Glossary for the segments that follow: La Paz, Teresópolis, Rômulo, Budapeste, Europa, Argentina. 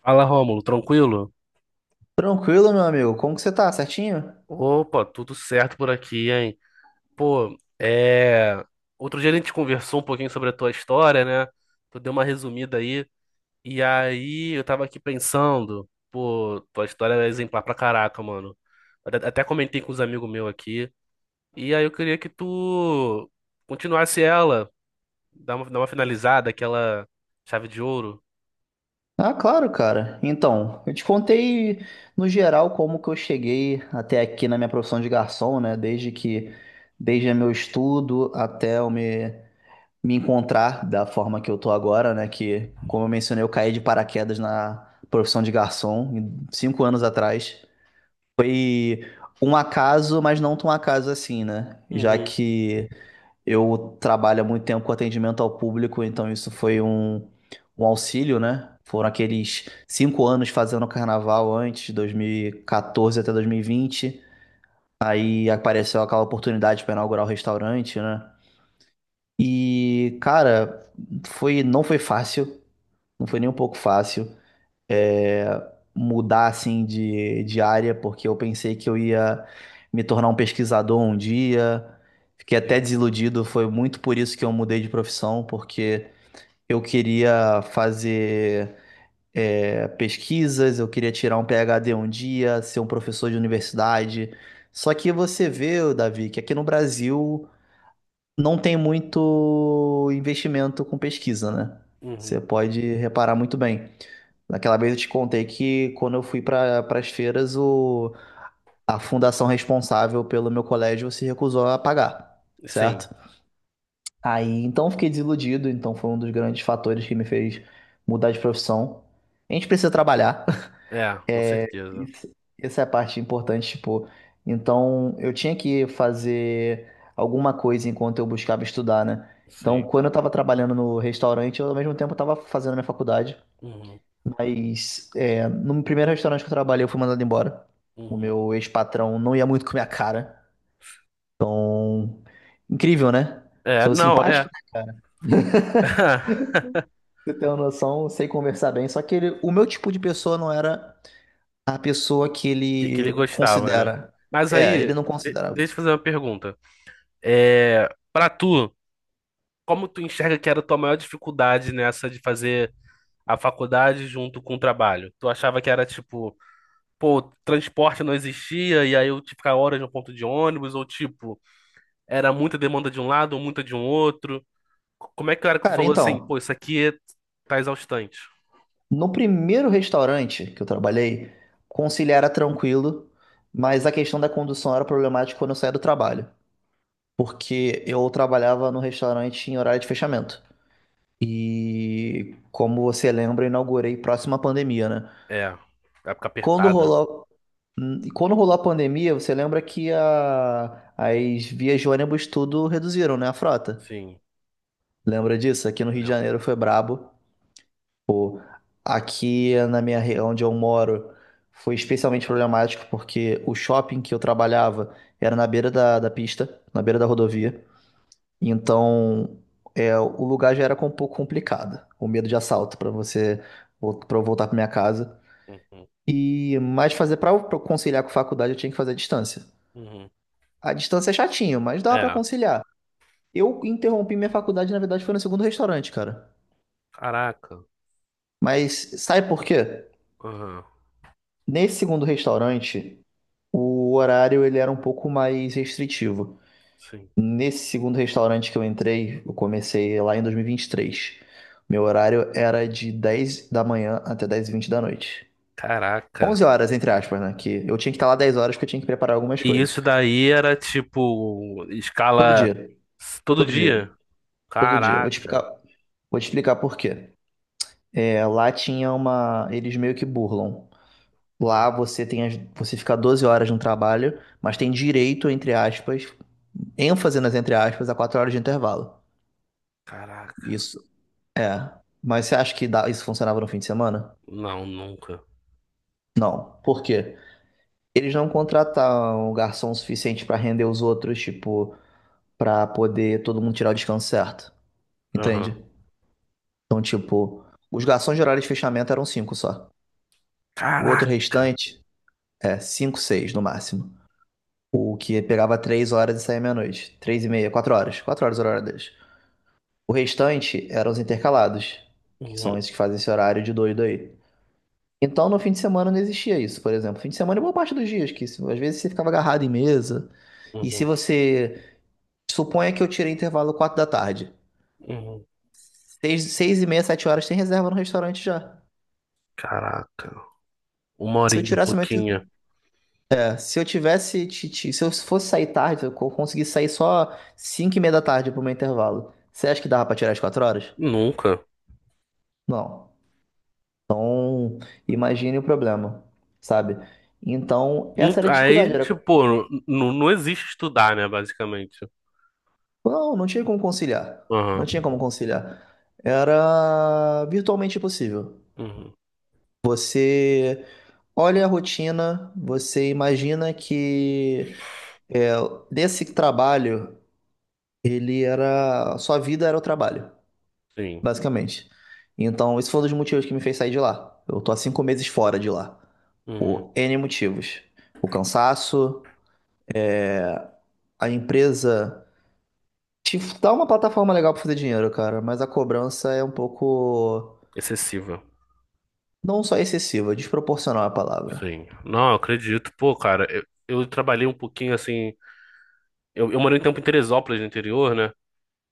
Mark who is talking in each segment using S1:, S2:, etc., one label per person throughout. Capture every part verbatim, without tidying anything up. S1: Fala, Rômulo, tranquilo?
S2: Tranquilo, meu amigo. Como que você tá? Certinho?
S1: Opa, tudo certo por aqui, hein? Pô, é. Outro dia a gente conversou um pouquinho sobre a tua história, né? Tu deu uma resumida aí. E aí eu tava aqui pensando, pô, tua história é exemplar pra caraca, mano. Até até comentei com os amigos meus aqui. E aí eu queria que tu continuasse ela, dar uma, dar uma finalizada, aquela chave de ouro.
S2: Ah, claro, cara. Então, eu te contei no geral como que eu cheguei até aqui na minha profissão de garçom, né? Desde que, desde meu estudo até eu me, me encontrar da forma que eu tô agora, né? Que, como eu mencionei, eu caí de paraquedas na profissão de garçom em- cinco anos atrás. Foi um acaso, mas não tão acaso assim, né? Já
S1: Uhum.
S2: que eu trabalho há muito tempo com atendimento ao público, então isso foi um, um auxílio, né? Foram aqueles cinco anos fazendo carnaval antes, dois mil e quatorze até dois mil e vinte. Aí apareceu aquela oportunidade para inaugurar o restaurante, né? E, cara, foi, não foi fácil, não foi nem um pouco fácil, é, mudar assim de, de área, porque eu pensei que eu ia me tornar um pesquisador um dia. Fiquei até
S1: Sim.
S2: desiludido, foi muito por isso que eu mudei de profissão, porque eu queria fazer, é, pesquisas, eu queria tirar um PhD um dia, ser um professor de
S1: Uhum.
S2: universidade. Só que você vê, Davi, que aqui no Brasil não tem muito investimento com pesquisa, né?
S1: Uhum.
S2: Você pode reparar muito bem. Naquela vez eu te contei que quando eu fui para as feiras, o, a fundação responsável pelo meu colégio se recusou a pagar,
S1: Sim.
S2: certo? Aí então eu fiquei desiludido, então foi um dos grandes fatores que me fez mudar de profissão. A gente precisa trabalhar.
S1: É, com
S2: É,
S1: certeza.
S2: isso, essa é a parte importante, tipo, então eu tinha que fazer alguma coisa enquanto eu buscava estudar, né? Então,
S1: Sim.
S2: quando eu tava trabalhando no restaurante, eu ao mesmo tempo tava fazendo a minha faculdade,
S1: Uhum.
S2: mas, é, no primeiro restaurante que eu trabalhei, eu fui mandado embora. O
S1: Uhum.
S2: meu ex-patrão não ia muito com a minha cara. Então, incrível, né?
S1: É,
S2: Sou
S1: não,
S2: simpático,
S1: é.
S2: eu tenho noção, sei conversar bem, só que ele- o meu tipo de pessoa não era a pessoa que
S1: Que, que ele
S2: ele
S1: gostava, né?
S2: considera.
S1: Mas
S2: É, ele
S1: aí,
S2: não
S1: de-
S2: considera.
S1: deixa eu fazer uma pergunta. É, para tu, como tu enxerga que era a tua maior dificuldade nessa de fazer a faculdade junto com o trabalho? Tu achava que era tipo, pô, transporte não existia e aí eu tinha que ficar horas no ponto de ônibus, ou tipo, era muita demanda de um lado ou muita de um outro? C- Como é que era que tu
S2: Cara,
S1: falou assim,
S2: então,
S1: pô, isso aqui é- tá exaustante?
S2: no primeiro restaurante que eu trabalhei, conciliar era tranquilo, mas a questão da condução era problemática quando eu saía do trabalho, porque eu trabalhava no restaurante em horário de fechamento. E como você lembra, eu inaugurei próximo à pandemia, né?
S1: É, época
S2: Quando
S1: apertada.
S2: rolou, hum, quando rolou a pandemia, você lembra que a- as vias de ônibus tudo reduziram, né? A frota.
S1: Sim,
S2: Lembra disso? Aqui no Rio de
S1: lembro.
S2: Janeiro foi brabo. Pô, aqui na minha re- onde eu moro foi especialmente problemático porque o shopping que eu trabalhava era na beira da, da pista, na beira da
S1: Uhum,
S2: rodovia. Então, é, o lugar já era, com- um pouco complicado, o medo de assalto para você, para eu voltar para minha casa.
S1: uhum,
S2: E mas fazer, para conciliar com faculdade eu tinha que fazer à distância.
S1: uhum.
S2: A distância é chatinho, mas dava para
S1: É,
S2: conciliar. Eu interrompi minha faculdade, na verdade, foi no segundo restaurante, cara.
S1: caraca.
S2: Mas sabe por quê?
S1: Aham,
S2: Nesse segundo restaurante o horário ele era um pouco mais restritivo.
S1: sim.
S2: Nesse segundo restaurante que eu entrei, eu comecei lá em dois mil e vinte e três. Meu horário era de dez da manhã até dez e vinte da noite.
S1: Caraca.
S2: onze horas, entre aspas, né? Que eu tinha que estar lá dez horas porque eu tinha que preparar algumas
S1: E
S2: coisas.
S1: isso daí era tipo
S2: Todo
S1: escala
S2: dia,
S1: s- todo
S2: todo dia,
S1: dia?
S2: todo dia. Vou te explicar,
S1: Caraca.
S2: vou te explicar por quê. É, lá tinha uma. Eles meio que burlam. Lá
S1: Uhum.
S2: você tem as- você fica doze horas no trabalho, mas tem direito, entre aspas, ênfase nas entre aspas, a quatro horas de intervalo.
S1: Caraca.
S2: Isso. É. Mas você acha que dá- isso funcionava no fim de semana?
S1: Não, nunca.
S2: Não. Por quê? Eles não contrataram um garçom suficiente pra render os outros, tipo, pra poder todo mundo tirar o descanso certo.
S1: Aham.
S2: Entende? Então, tipo, os garçons de horário de fechamento eram cinco só. O outro
S1: Caraca.
S2: restante é cinco, seis no máximo. O que pegava três horas e saía meia-noite. Três e meia, quatro horas. Quatro horas era o horário deles. O restante eram os intercalados, que são
S1: Uhum,
S2: esses que fazem esse horário de doido aí. Então, no fim de semana não existia isso, por exemplo. Fim de semana é boa parte dos dias, que se- às vezes você ficava agarrado em mesa. E se
S1: uhum,
S2: você. Suponha que eu tirei intervalo quatro da tarde.
S1: uhum.
S2: Seis, seis e meia, sete horas tem reserva no restaurante já.
S1: Caraca. Uma
S2: Se eu
S1: horinha,
S2: tirasse meu.
S1: pouquinho.
S2: é, Se eu tivesse. ti- ti- Se eu fosse sair tarde, se eu co- conseguisse sair só cinco e meia da tarde pro meu intervalo. Você acha que dava pra tirar as quatro horas?
S1: Nunca.
S2: Não. Então, imagine o problema, sabe? Então,
S1: Não-
S2: essa era a dificuldade.
S1: Aí,
S2: Era
S1: tipo, pô, não, não existe estudar, né, basicamente.
S2: Não, não tinha como conciliar. Não
S1: Aham,
S2: tinha como conciliar. Era virtualmente impossível.
S1: uhum,
S2: Olha a rotina, você imagina que, é, desse trabalho, ele era. Sua vida era o trabalho,
S1: sim,
S2: basicamente. Então, esse foi um dos motivos que me fez sair de lá. Eu tô há cinco meses fora de lá.
S1: uhum.
S2: Por N motivos. O cansaço, a empresa. Te dá uma plataforma legal pra fazer dinheiro, cara, mas a cobrança é um pouco.
S1: Excessiva,
S2: Não só excessiva, desproporcional é a palavra.
S1: sim. Não, eu acredito, pô, cara, eu, eu trabalhei um pouquinho, assim, eu, eu morei um tempo em Teresópolis, no interior, né,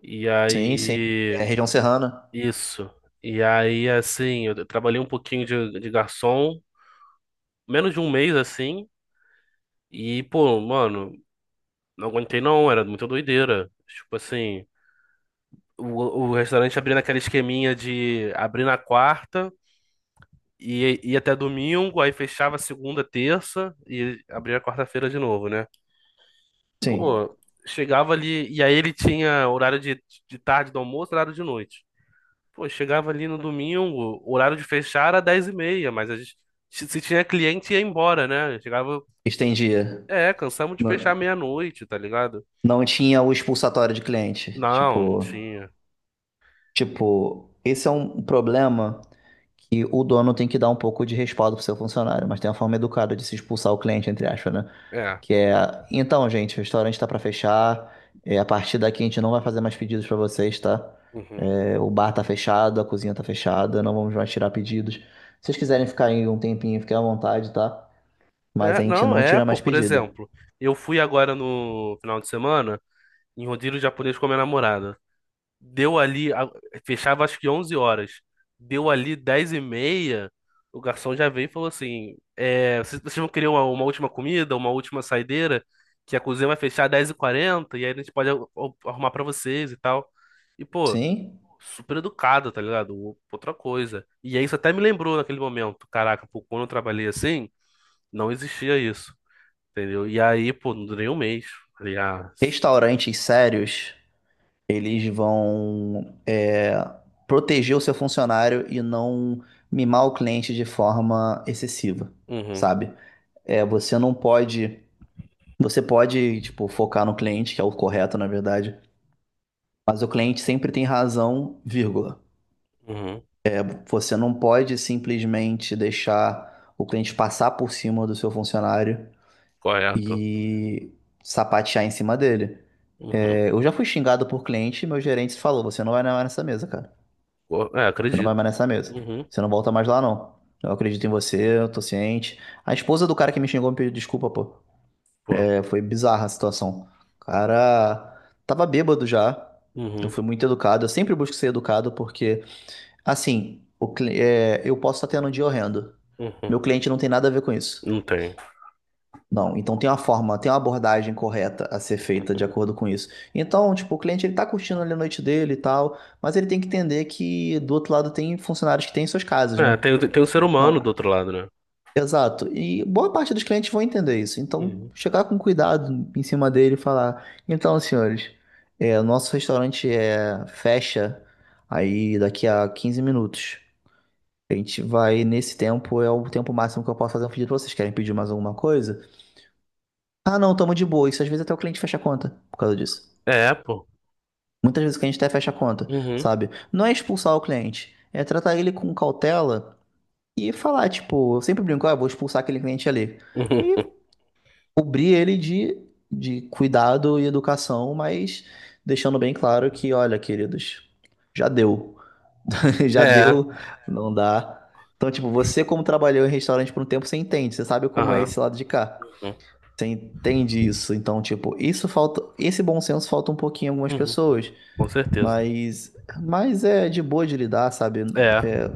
S1: e
S2: Sim, sim. É,
S1: aí,
S2: região serrana.
S1: isso, e aí, assim, eu trabalhei um pouquinho de, de garçom, menos de um mês, assim, e, pô, mano, não aguentei não, era muita doideira, tipo assim... O, o restaurante abria naquela esqueminha de abrir na quarta, e ia até domingo, aí fechava segunda, terça e abria quarta-feira de novo, né?
S2: Sim.
S1: Pô, chegava ali, e aí ele tinha horário de, de tarde do almoço, horário de noite. Pô, chegava ali no domingo, o horário de fechar era dez e meia, mas a gente, se se tinha cliente ia embora, né? Chegava,
S2: Estendia.
S1: é, cansamos de
S2: Não,
S1: fechar meia-noite, tá ligado?
S2: não tinha o expulsatório de cliente.
S1: Não, não
S2: Tipo,
S1: tinha. E-
S2: tipo, esse é um problema que o dono tem que dar um pouco de respaldo pro seu funcionário, mas tem uma forma educada de se expulsar o cliente, entre aspas, né?
S1: É,
S2: Que é, então, gente, o restaurante tá para fechar. É, a partir daqui a gente não vai fazer mais pedidos para vocês, tá?
S1: uhum.
S2: É, o bar tá fechado, a cozinha tá fechada, não vamos mais tirar pedidos. Se vocês quiserem ficar aí um tempinho, fiquem à vontade, tá? Mas a
S1: É,
S2: gente
S1: não,
S2: não
S1: é,
S2: tira
S1: pô,
S2: mais
S1: por
S2: pedido.
S1: exemplo, eu fui agora no final de semana em rodízio japonês com a minha namorada. Deu ali, a- fechava acho que onze horas. Deu ali dez e meia, o garçom já veio e falou assim: é, vocês, vocês vão querer uma, uma última comida, uma última saideira? Que a cozinha vai fechar às dez e quarenta e quarenta e aí a gente pode ar- ar- arrumar pra vocês e tal. E, pô,
S2: Sim?
S1: super educado, tá ligado? O- Outra coisa. E aí isso até me lembrou naquele momento: caraca, pô, quando eu trabalhei assim, não existia isso, entendeu? E aí, pô, não durei um mês. Falei, ah,
S2: Restaurantes sérios, eles vão, é, proteger o seu funcionário e não mimar o cliente de forma excessiva,
S1: uhum,
S2: sabe? É, você não pode. Você pode, tipo, focar no cliente, que é o correto, na verdade. Mas o cliente sempre tem razão, vírgula.
S1: uhum,
S2: Você não pode simplesmente deixar o cliente passar por cima do seu funcionário
S1: correto.
S2: e sapatear em cima dele.
S1: Uhum.
S2: É, eu já fui xingado por cliente e meu gerente falou: você não vai mais nessa mesa, cara.
S1: Pô, é,
S2: Você não vai
S1: acredito.
S2: mais nessa mesa.
S1: Uhum,
S2: Você não volta mais lá, não. Eu acredito em você, eu tô ciente. A esposa do cara que me xingou me pediu desculpa, pô.
S1: pô,
S2: Foi bizarra a situação. O cara tava bêbado já. Eu
S1: uhum,
S2: fui muito educado. Eu sempre busco ser educado porque, assim, o cli- é, eu posso estar tendo um dia horrendo.
S1: uhum.
S2: Meu cliente não tem nada a ver com isso.
S1: Não tem.
S2: Não, então tem uma forma, tem uma abordagem correta a ser feita de
S1: Uhum,
S2: acordo com isso. Então, tipo, o cliente ele tá curtindo ali a noite dele e tal, mas ele tem que entender que do outro lado tem funcionários que têm suas casas,
S1: é,
S2: né?
S1: tem, o- tem um ser humano do
S2: Então,
S1: outro lado, né?
S2: exato. E boa parte dos clientes vão entender isso. Então,
S1: Uhum,
S2: chegar com cuidado em cima dele e falar: então, senhores, é, o nosso restaurante, é, fecha aí daqui a quinze minutos. A gente vai nesse tempo, é o tempo máximo que eu posso fazer um pedido pra vocês. Querem pedir mais alguma coisa? Ah, não, tamo de boa. Isso às vezes até o cliente fecha a conta por causa disso.
S1: é, pô.
S2: Muitas vezes o cliente até fecha a conta,
S1: Uhum,
S2: sabe? Não é expulsar o cliente, é tratar ele com cautela e falar: tipo, eu sempre brinco, ah, vou expulsar aquele cliente ali.
S1: uhum,
S2: E cobrir ele de, de cuidado e educação, mas deixando bem claro que, olha, queridos, já deu. Já
S1: é,
S2: deu, não dá. Então, tipo, você como trabalhou em restaurante por um tempo, você entende, você sabe como é
S1: aham,
S2: esse lado de cá.
S1: uhum.
S2: Você entende isso. Então, tipo, isso falta, esse bom senso falta um pouquinho em algumas
S1: Uhum.
S2: pessoas,
S1: Com certeza.
S2: mas mas é de boa de lidar, sabe?
S1: É,
S2: É,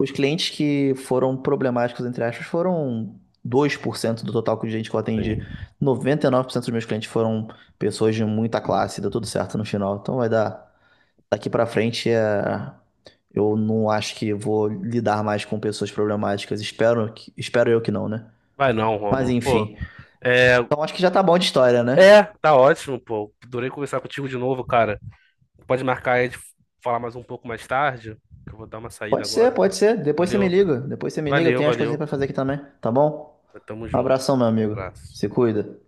S2: os clientes que foram problemáticos, entre aspas, foram dois por cento do total de gente que eu atendi.
S1: sim.
S2: Noventa e nove por cento dos meus clientes foram pessoas de muita classe, deu tudo certo no final. Então vai dar. Daqui pra frente é... eu não acho que vou lidar mais com pessoas problemáticas. Espero, que- espero eu que não, né?
S1: Vai não,
S2: Mas
S1: Rômulo. Pô,
S2: enfim.
S1: é,
S2: Então acho que já tá bom de história, né?
S1: é, tá ótimo, pô. Adorei conversar contigo de novo, cara. Pode marcar aí de falar mais um pouco mais tarde, que eu vou dar uma saída
S2: Pode ser,
S1: agora.
S2: pode ser. Depois você me
S1: Valeu,
S2: liga. Depois você me liga. Eu
S1: valeu,
S2: tenho as coisinhas
S1: valeu.
S2: pra fazer aqui também, tá bom?
S1: Tamo
S2: Um
S1: junto.
S2: abração, meu amigo.
S1: Abraço.
S2: Se cuida.